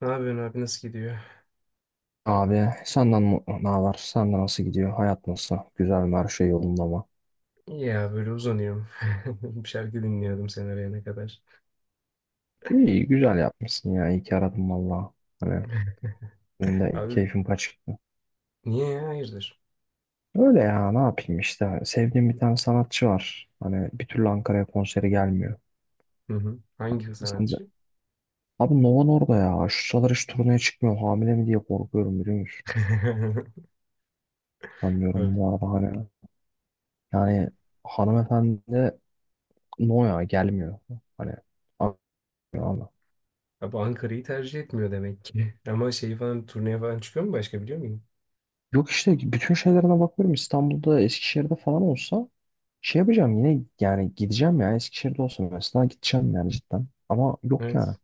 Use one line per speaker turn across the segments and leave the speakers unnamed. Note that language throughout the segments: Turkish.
Ne yapıyorsun abi nasıl gidiyor?
Abi senden ne var? Senden nasıl gidiyor? Hayat nasıl? Güzel mi? Her şey yolunda mı?
İyi ya böyle uzanıyorum. Bir şarkı dinliyordum sen arayana kadar.
İyi güzel yapmışsın ya. İyi ki aradım valla. Hani benim de
Abi
keyfim kaçıktı.
niye ya hayırdır?
Öyle ya ne yapayım işte. Sevdiğim bir tane sanatçı var. Hani bir türlü Ankara'ya konseri gelmiyor.
Hı hı. Hangi
Sen de...
sanatçı?
Abi Nova orada ya. Şu sıralar hiç turneye çıkmıyor. Hamile mi diye korkuyorum biliyor musun? Sanmıyorum
Abi,
bu arada hani. Yani hanımefendi no ya gelmiyor. Hani anlıyor.
abi Ankara'yı tercih etmiyor demek ki. Ama şey falan turneye falan çıkıyor mu başka biliyor muyum?
Yok işte bütün şeylerine bakıyorum, İstanbul'da, Eskişehir'de falan olsa şey yapacağım yine, yani gideceğim ya. Eskişehir'de olsa mesela gideceğim yani, cidden. Ama yok
Evet.
yani,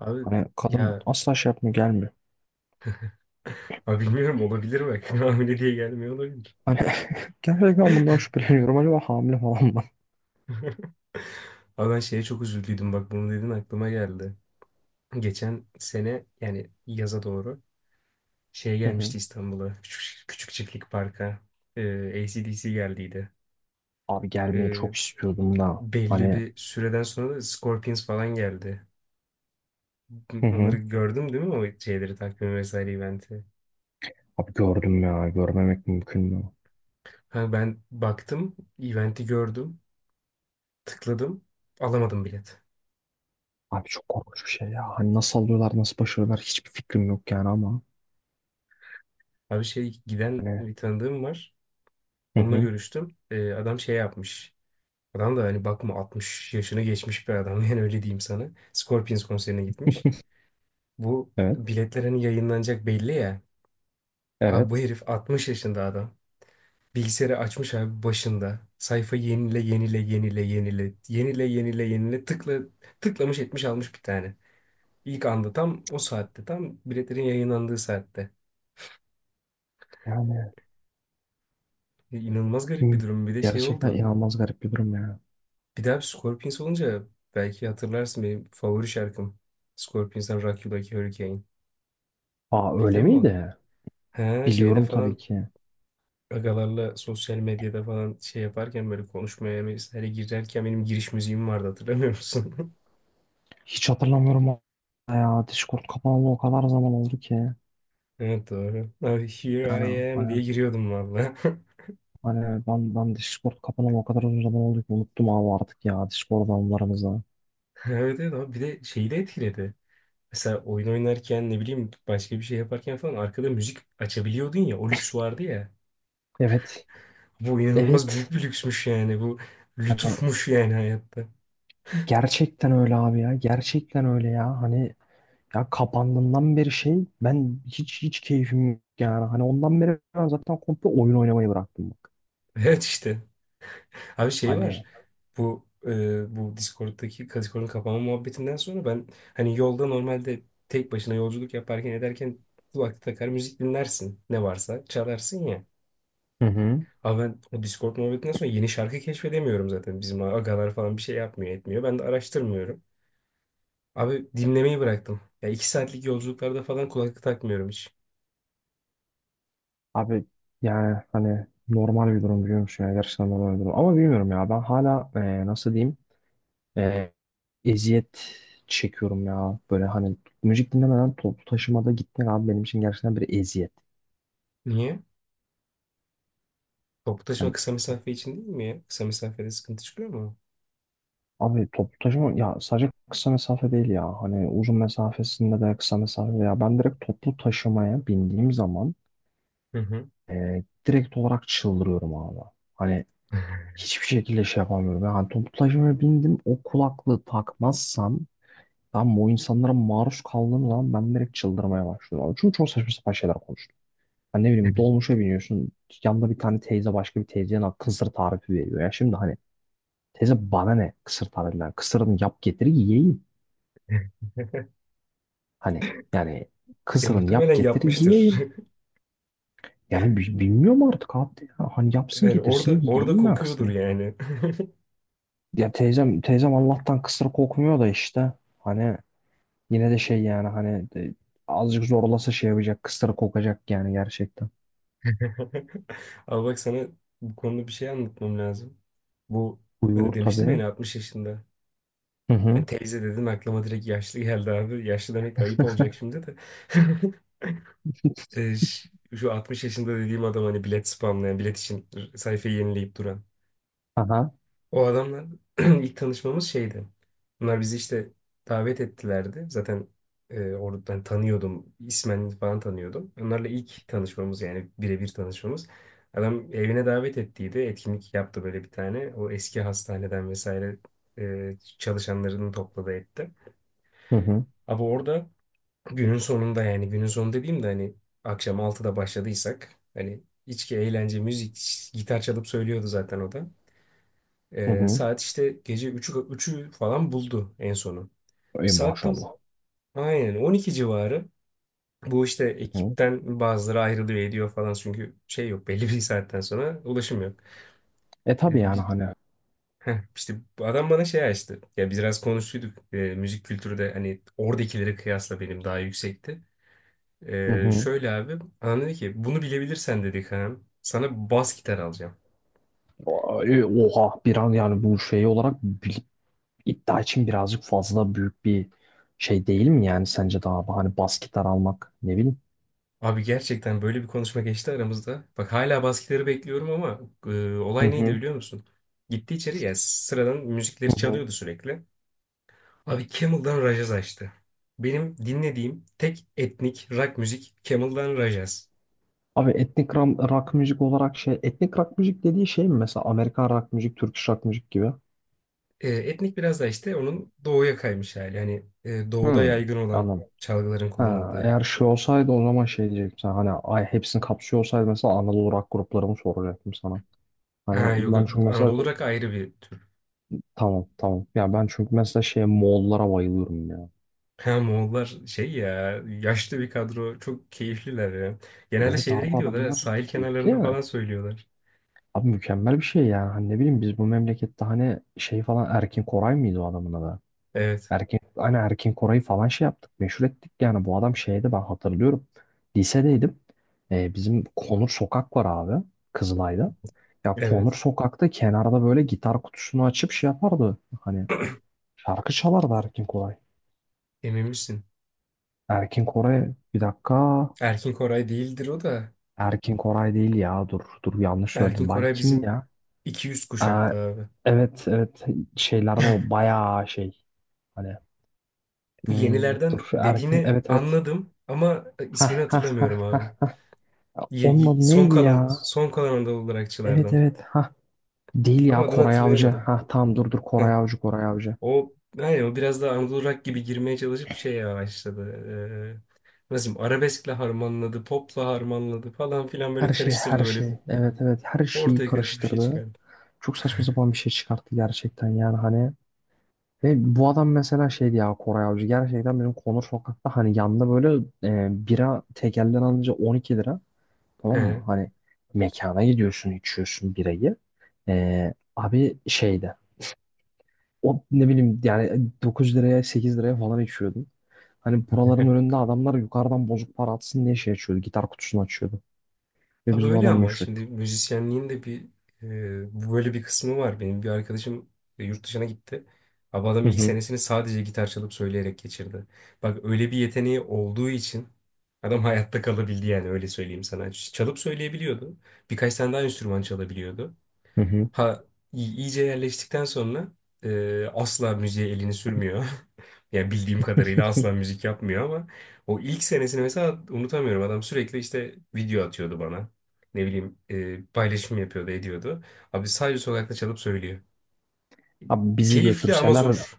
Abi
hani kadın
ya
asla şey yapmıyor, gelmiyor.
abi bilmiyorum olabilir bak. Hamile diye gelmiyor olabilir.
Hani gerçekten bundan şüpheleniyorum, acaba hamile falan mı?
Abi ben şeye çok üzüldüydüm bak bunu dedin aklıma geldi. Geçen sene yani yaza doğru. Şey
Hı hı.
gelmişti İstanbul'a. Küçük Çiftlik Park'a. Ee, AC/DC geldiydi.
Abi gelmeyi
Ee,
çok istiyordum da
Belli
hani,
bir süreden sonra da Scorpions falan geldi.
hı
Onları
hı.
gördüm değil mi o şeyleri takvimi vesaire eventi.
Abi gördüm ya, görmemek mümkün mü?
Ha, ben baktım eventi gördüm. Tıkladım. Alamadım bilet.
Abi çok korkunç bir şey ya, hani nasıl alıyorlar, nasıl başarıyorlar, hiçbir fikrim yok yani ama.
Abi şey giden
Hani,
bir tanıdığım var.
hı
Onunla
hı.
görüştüm. Adam şey yapmış. Adam da hani bakma 60 yaşını geçmiş bir adam yani öyle diyeyim sana. Scorpions konserine gitmiş. Bu
Evet,
biletler hani yayınlanacak belli ya. Abi bu
evet
herif 60 yaşında adam. Bilgisayarı açmış abi başında. Sayfa yenile yenile yenile yenile yenile yenile yenile tıkla tıklamış etmiş almış bir tane. İlk anda tam o saatte tam biletlerin yayınlandığı saatte.
yani.
İnanılmaz garip bir
Hı.
durum. Bir de şey
Gerçekten
oldu.
inanılmaz garip bir durum ya.
Bir daha bir Scorpions olunca belki hatırlarsın benim favori şarkım. Scorpions'tan Rock You Like a Hurricane.
Aa, öyle
Bildin mi onu?
miydi?
He şeyde
Biliyorum tabii
falan
ki.
agalarla sosyal medyada falan şey yaparken böyle konuşmaya mesela girerken benim giriş müziğim vardı hatırlamıyor musun?
Hiç hatırlamıyorum ya. Discord kapanalı o kadar zaman oldu ki.
Evet, doğru. Abi
Yani
here I am diye
hani,
giriyordum valla.
ben Discord kapanalı o kadar uzun zaman oldu ki, unuttum abi artık ya Discord anılarımızı.
Evet, evet, abi bir de şeyi de etkiledi. Mesela oyun oynarken ne bileyim başka bir şey yaparken falan arkada müzik açabiliyordun ya o lüks vardı ya.
Evet.
Bu inanılmaz büyük
Evet.
bir lüksmüş yani bu
Hani
lütufmuş yani hayatta.
gerçekten öyle abi ya. Gerçekten öyle ya. Hani ya, kapandığından beri şey, ben hiç hiç keyfim yok yani. Hani ondan beri ben zaten komple oyun oynamayı bıraktım bak.
Evet, işte. Abi şey var
Hani,
bu Discord'un kapanma muhabbetinden sonra ben hani yolda normalde tek başına yolculuk yaparken ederken kulaklık takar müzik dinlersin ne varsa çalarsın ya.
hı hı.
Abi ben o Discord muhabbetinden sonra yeni şarkı keşfedemiyorum zaten. Bizim agalar falan bir şey yapmıyor etmiyor. Ben de araştırmıyorum. Abi dinlemeyi bıraktım. Ya 2 saatlik yolculuklarda falan kulaklık takmıyorum hiç.
Abi yani hani normal bir durum, biliyor musun ya, gerçekten normal bir durum. Ama bilmiyorum ya, ben hala nasıl diyeyim, e, eziyet çekiyorum ya. Böyle hani müzik dinlemeden toplu taşımada gitmek abi benim için gerçekten bir eziyet.
Niye? Toplu taşıma
Hani
kısa mesafe için değil mi ya? Kısa mesafede sıkıntı çıkıyor mu?
abi toplu taşıma ya, sadece kısa mesafe değil ya. Hani uzun mesafesinde de, kısa mesafede ya. Ben direkt toplu taşımaya bindiğim zaman
Hı hı.
direkt olarak çıldırıyorum abi. Hani hiçbir şekilde şey yapamıyorum. Yani toplu taşımaya bindim, o kulaklığı takmazsam, tamam, bu insanlara maruz kaldığım zaman ben direkt çıldırmaya başlıyorum. Abi. Çünkü çok saçma sapan şeyler konuştum. Hani ne bileyim, dolmuşa biniyorsun. Yanında bir tane teyze başka bir teyzeye lan kısır tarifi veriyor. Ya şimdi hani, teyze bana ne kısır tarifinden? Kısırını yap getir yiyeyim. Hani yani,
Ya
kısırını
muhtemelen
yap getir
yapmıştır.
yiyeyim. Yani bilmiyorum artık abi, de ya. Hani yapsın
Yani orada
getirsin
orada
yiyeyim ben
kokuyordur
kısırı.
yani.
Ya teyzem teyzem Allah'tan kısır kokmuyor da işte. Hani yine de şey yani hani azıcık zorlasa şey yapacak, kısır kokacak yani, gerçekten.
Al bak sana bu konuda bir şey anlatmam lazım. Bu
Uyur
demiştim
tabii.
yani 60 yaşında.
Hı hı.
Yani teyze dedim aklıma direkt yaşlı geldi abi. Yaşlı demek de ayıp olacak şimdi de. E, ş- Şu 60 yaşında dediğim adam hani bilet spamlayan, bilet için sayfayı yenileyip duran.
Aha.
O adamla ilk tanışmamız şeydi. Bunlar bizi işte davet ettilerdi. Zaten oradan tanıyordum. İsmen falan tanıyordum. Onlarla ilk tanışmamız yani birebir tanışmamız. Adam evine davet ettiydi. Etkinlik yaptı böyle bir tane. O eski hastaneden vesaire çalışanlarını topladı etti.
Hı hı.
Abi orada günün sonunda yani günün sonu dediğim de hani akşam 6'da başladıysak hani içki, eğlence, müzik, gitar çalıp söylüyordu zaten o da.
Hı hı.
Saat işte gece 3'ü falan buldu en sonu.
Ey
Saat tam
maşallah.
aynen 12 civarı. Bu işte
Hı hı.
ekipten bazıları ayrılıyor ediyor falan çünkü şey yok belli bir saatten sonra ulaşım yok.
E
Ee,
tabii yani
bir,
hani.
işte bu adam bana şey açtı. Ya biz biraz konuştuyduk. Müzik kültürü de hani oradakileri kıyasla benim daha yüksekti.
Hı hı.
Şöyle abi. Anam dedi ki bunu bilebilirsen dedi Kaan. Sana bas gitar alacağım.
Oha, bir an yani bu şey olarak iddia için birazcık fazla büyük bir şey değil mi yani sence daha abi? Hani bas gitar almak, ne bileyim.
Abi gerçekten böyle bir konuşma geçti aramızda. Bak hala bas gitarı bekliyorum ama
Hı
olay neydi
hı.
biliyor musun? Gitti içeri ya sıradan
Hı
müzikleri
hı.
çalıyordu sürekli. Abi Camel'dan Rajaz açtı. Benim dinlediğim tek etnik rock müzik Camel'dan Rajaz.
Abi etnik rock müzik olarak şey, etnik rock müzik dediği şey mi mesela, Amerikan rock müzik, Türk rock müzik gibi?
Etnik biraz da işte onun doğuya kaymış hali. Hani doğuda
Hı.
yaygın olan
Anladım.
çalgıların
Ha,
kullanıldığı.
eğer şey olsaydı o zaman şey diyecektim sana. Hani ay, hepsini kapsıyor olsaydı mesela, Anadolu rock gruplarımı soracaktım sana.
Ha,
Hani
yok
ben
yok,
çünkü mesela,
Anadolu rock ayrı bir tür.
tamam tamam. Ya ben çünkü mesela şey, Moğollara bayılıyorum ya.
Ha, Moğollar şey ya yaşlı bir kadro çok keyifliler ya. Genelde
Evet abi,
şeylere gidiyorlar ya,
adamlar
sahil
keyifli
kenarlarında
ya.
falan söylüyorlar.
Abi mükemmel bir şey yani. Hani ne bileyim, biz bu memlekette hani şey falan, Erkin Koray mıydı o adamın adı?
Evet.
Erkin, hani Erkin Koray'ı falan şey yaptık, meşhur ettik. Yani bu adam şeydi, ben hatırlıyorum. Lisedeydim. Bizim Konur Sokak var abi, Kızılay'da. Ya Konur
Evet.
Sokak'ta kenarda böyle gitar kutusunu açıp şey yapardı. Hani şarkı çalardı Erkin Koray.
Emin misin?
Erkin Koray, bir dakika.
Erkin Koray değildir o da.
Erkin Koray değil ya, dur dur, yanlış
Erkin
söyledim. Bay
Koray
kimdi
bizim
ya?
200
Aa,
kuşakta abi.
evet evet, şeylerden o bayağı şey. Hani,
Bu yenilerden
dur Erkin,
dediğini
evet evet.
anladım ama ismini hatırlamıyorum abi.
Ya onun adı
Son
neydi
kalan
ya?
son kalan Anadolu
Evet
Rockçılardan.
evet. Ha değil
Ama
ya,
adını
Koray Avcı.
hatırlayamadım.
Ha tamam, dur dur, Koray Avcı, Koray Avcı.
O biraz daha Anadolu rock gibi girmeye çalışıp şeye başladı. Nasıl diyeyim, arabeskle harmanladı, popla harmanladı falan filan böyle
Her şey
karıştırdı
her
böyle
şey. Evet evet, her şeyi
ortaya karışık bir şey
karıştırdı.
çıkardı.
Çok saçma sapan bir şey çıkarttı gerçekten yani, hani. Ve bu adam mesela şeydi ya, Koray Avcı. Gerçekten benim Konur Sokak'ta hani, yanında böyle bira tekelden alınca 12 lira. Tamam
He.
mı? Hani mekana gidiyorsun, içiyorsun birayı. E, abi şeydi. O ne bileyim, yani 9 liraya 8 liraya falan içiyordum. Hani buraların önünde adamlar yukarıdan bozuk para atsın diye şey açıyordu. Gitar kutusunu açıyordu. Ve
Abi
biz bu
öyle
adamı
ama
meşhur
şimdi
ettik.
müzisyenliğin de bir bu böyle bir kısmı var. Benim bir arkadaşım yurt dışına gitti. Abi adam
Hı
ilk
hı.
senesini sadece gitar çalıp söyleyerek geçirdi. Bak öyle bir yeteneği olduğu için adam hayatta kalabildi yani öyle söyleyeyim sana. Çalıp söyleyebiliyordu. Birkaç tane daha enstrüman çalabiliyordu.
Hı hı.
Ha iyice yerleştikten sonra asla müziğe elini sürmüyor. Yani bildiğim kadarıyla asla müzik yapmıyor ama o ilk senesini mesela unutamıyorum. Adam sürekli işte video atıyordu bana. Ne bileyim paylaşım yapıyordu, ediyordu. Abi sadece sokakta çalıp söylüyor.
Abi bizi
Keyifli ama
götürseler,
zor.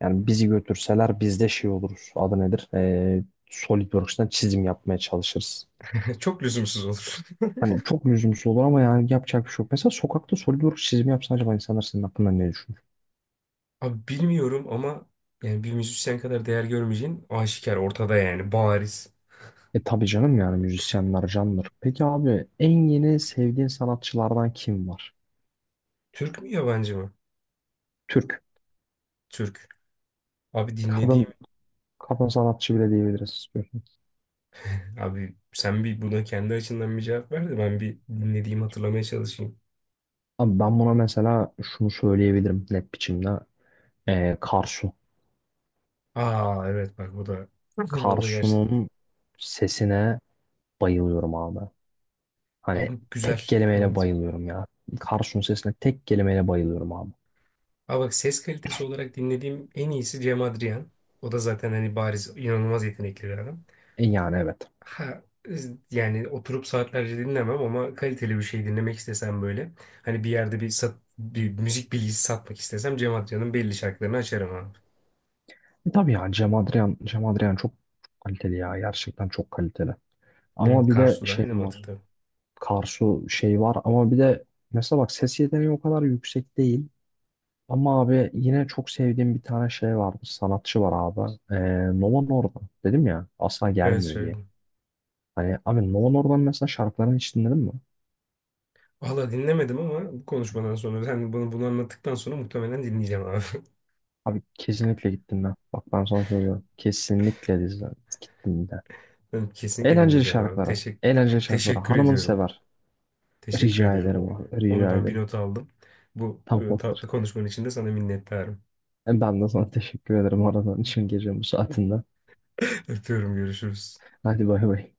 yani bizi götürseler biz de şey oluruz. Adı nedir? SolidWorks'tan çizim yapmaya çalışırız.
Çok lüzumsuz olur.
Hani çok lüzumsuz olur ama yani yapacak bir şey yok. Mesela sokakta SolidWorks çizimi yapsan, acaba insanlar senin hakkında ne düşünür?
Abi bilmiyorum ama yani bir müzisyen kadar değer görmeyeceğin aşikar, ortada yani bariz.
E tabii canım, yani müzisyenler candır. Peki abi, en yeni sevdiğin sanatçılardan kim var?
Türk mü yabancı mı?
Türk.
Türk. Abi dinlediğim
Kadın, kadın sanatçı bile diyebiliriz istiyorsun.
Abi sen bir buna kendi açından bir cevap ver de ben bir dinlediğimi hatırlamaya çalışayım.
Abi ben buna mesela şunu söyleyebilirim net biçimde. Karsu.
Aa evet, bak bu da o da gerçekten.
Karsu'nun sesine bayılıyorum abi. Hani
Abi
tek
güzel.
kelimeyle
Evet.
bayılıyorum ya. Karsu'nun sesine tek kelimeyle bayılıyorum abi.
Aa bak, ses kalitesi olarak dinlediğim en iyisi Cem Adrian. O da zaten hani bariz inanılmaz yetenekli bir adam.
E yani evet.
Ha yani oturup saatlerce dinlemem ama kaliteli bir şey dinlemek istesem böyle. Hani bir yerde bir müzik bilgisi satmak istesem Cem Adrian'ın belli şarkılarını açarım abi.
E tabii ya, Cem Adrian, Cem Adrian çok kaliteli ya. Gerçekten çok kaliteli.
Hı,
Ama bir de
Karsu'da
şey
aynı
var.
mantıkta.
Karsu şey var ama bir de mesela bak, ses yeteneği o kadar yüksek değil. Ama abi yine çok sevdiğim bir tane şey var, bir sanatçı var abi. Nova Norda. Dedim ya asla
Evet,
gelmiyor diye.
söyle.
Hani abi, Nova Norda'nın mesela şarkılarını hiç dinledin mi?
Valla dinlemedim ama bu konuşmadan sonra sen bunu anlattıktan sonra muhtemelen dinleyeceğim abi.
Abi kesinlikle gittim ben. Bak ben sana söylüyorum. Kesinlikle dizden gittim de.
Ben kesinlikle
Eğlenceli
dinleyeceğim abi.
şarkıları. Eğlenceli
Teşekkür
şarkıları.
teşekkür
Hanımını
ediyorum.
sever.
Teşekkür
Rica
ediyorum.
ederim abi.
Onu
Rica
ben bir
ederim.
not aldım. Bu
Tamamdır.
tatlı konuşmanın için de sana minnettarım.
E, ben de sana teşekkür ederim aradan için, gece bu saatinde.
Öpüyorum, görüşürüz.
Hadi bay bay.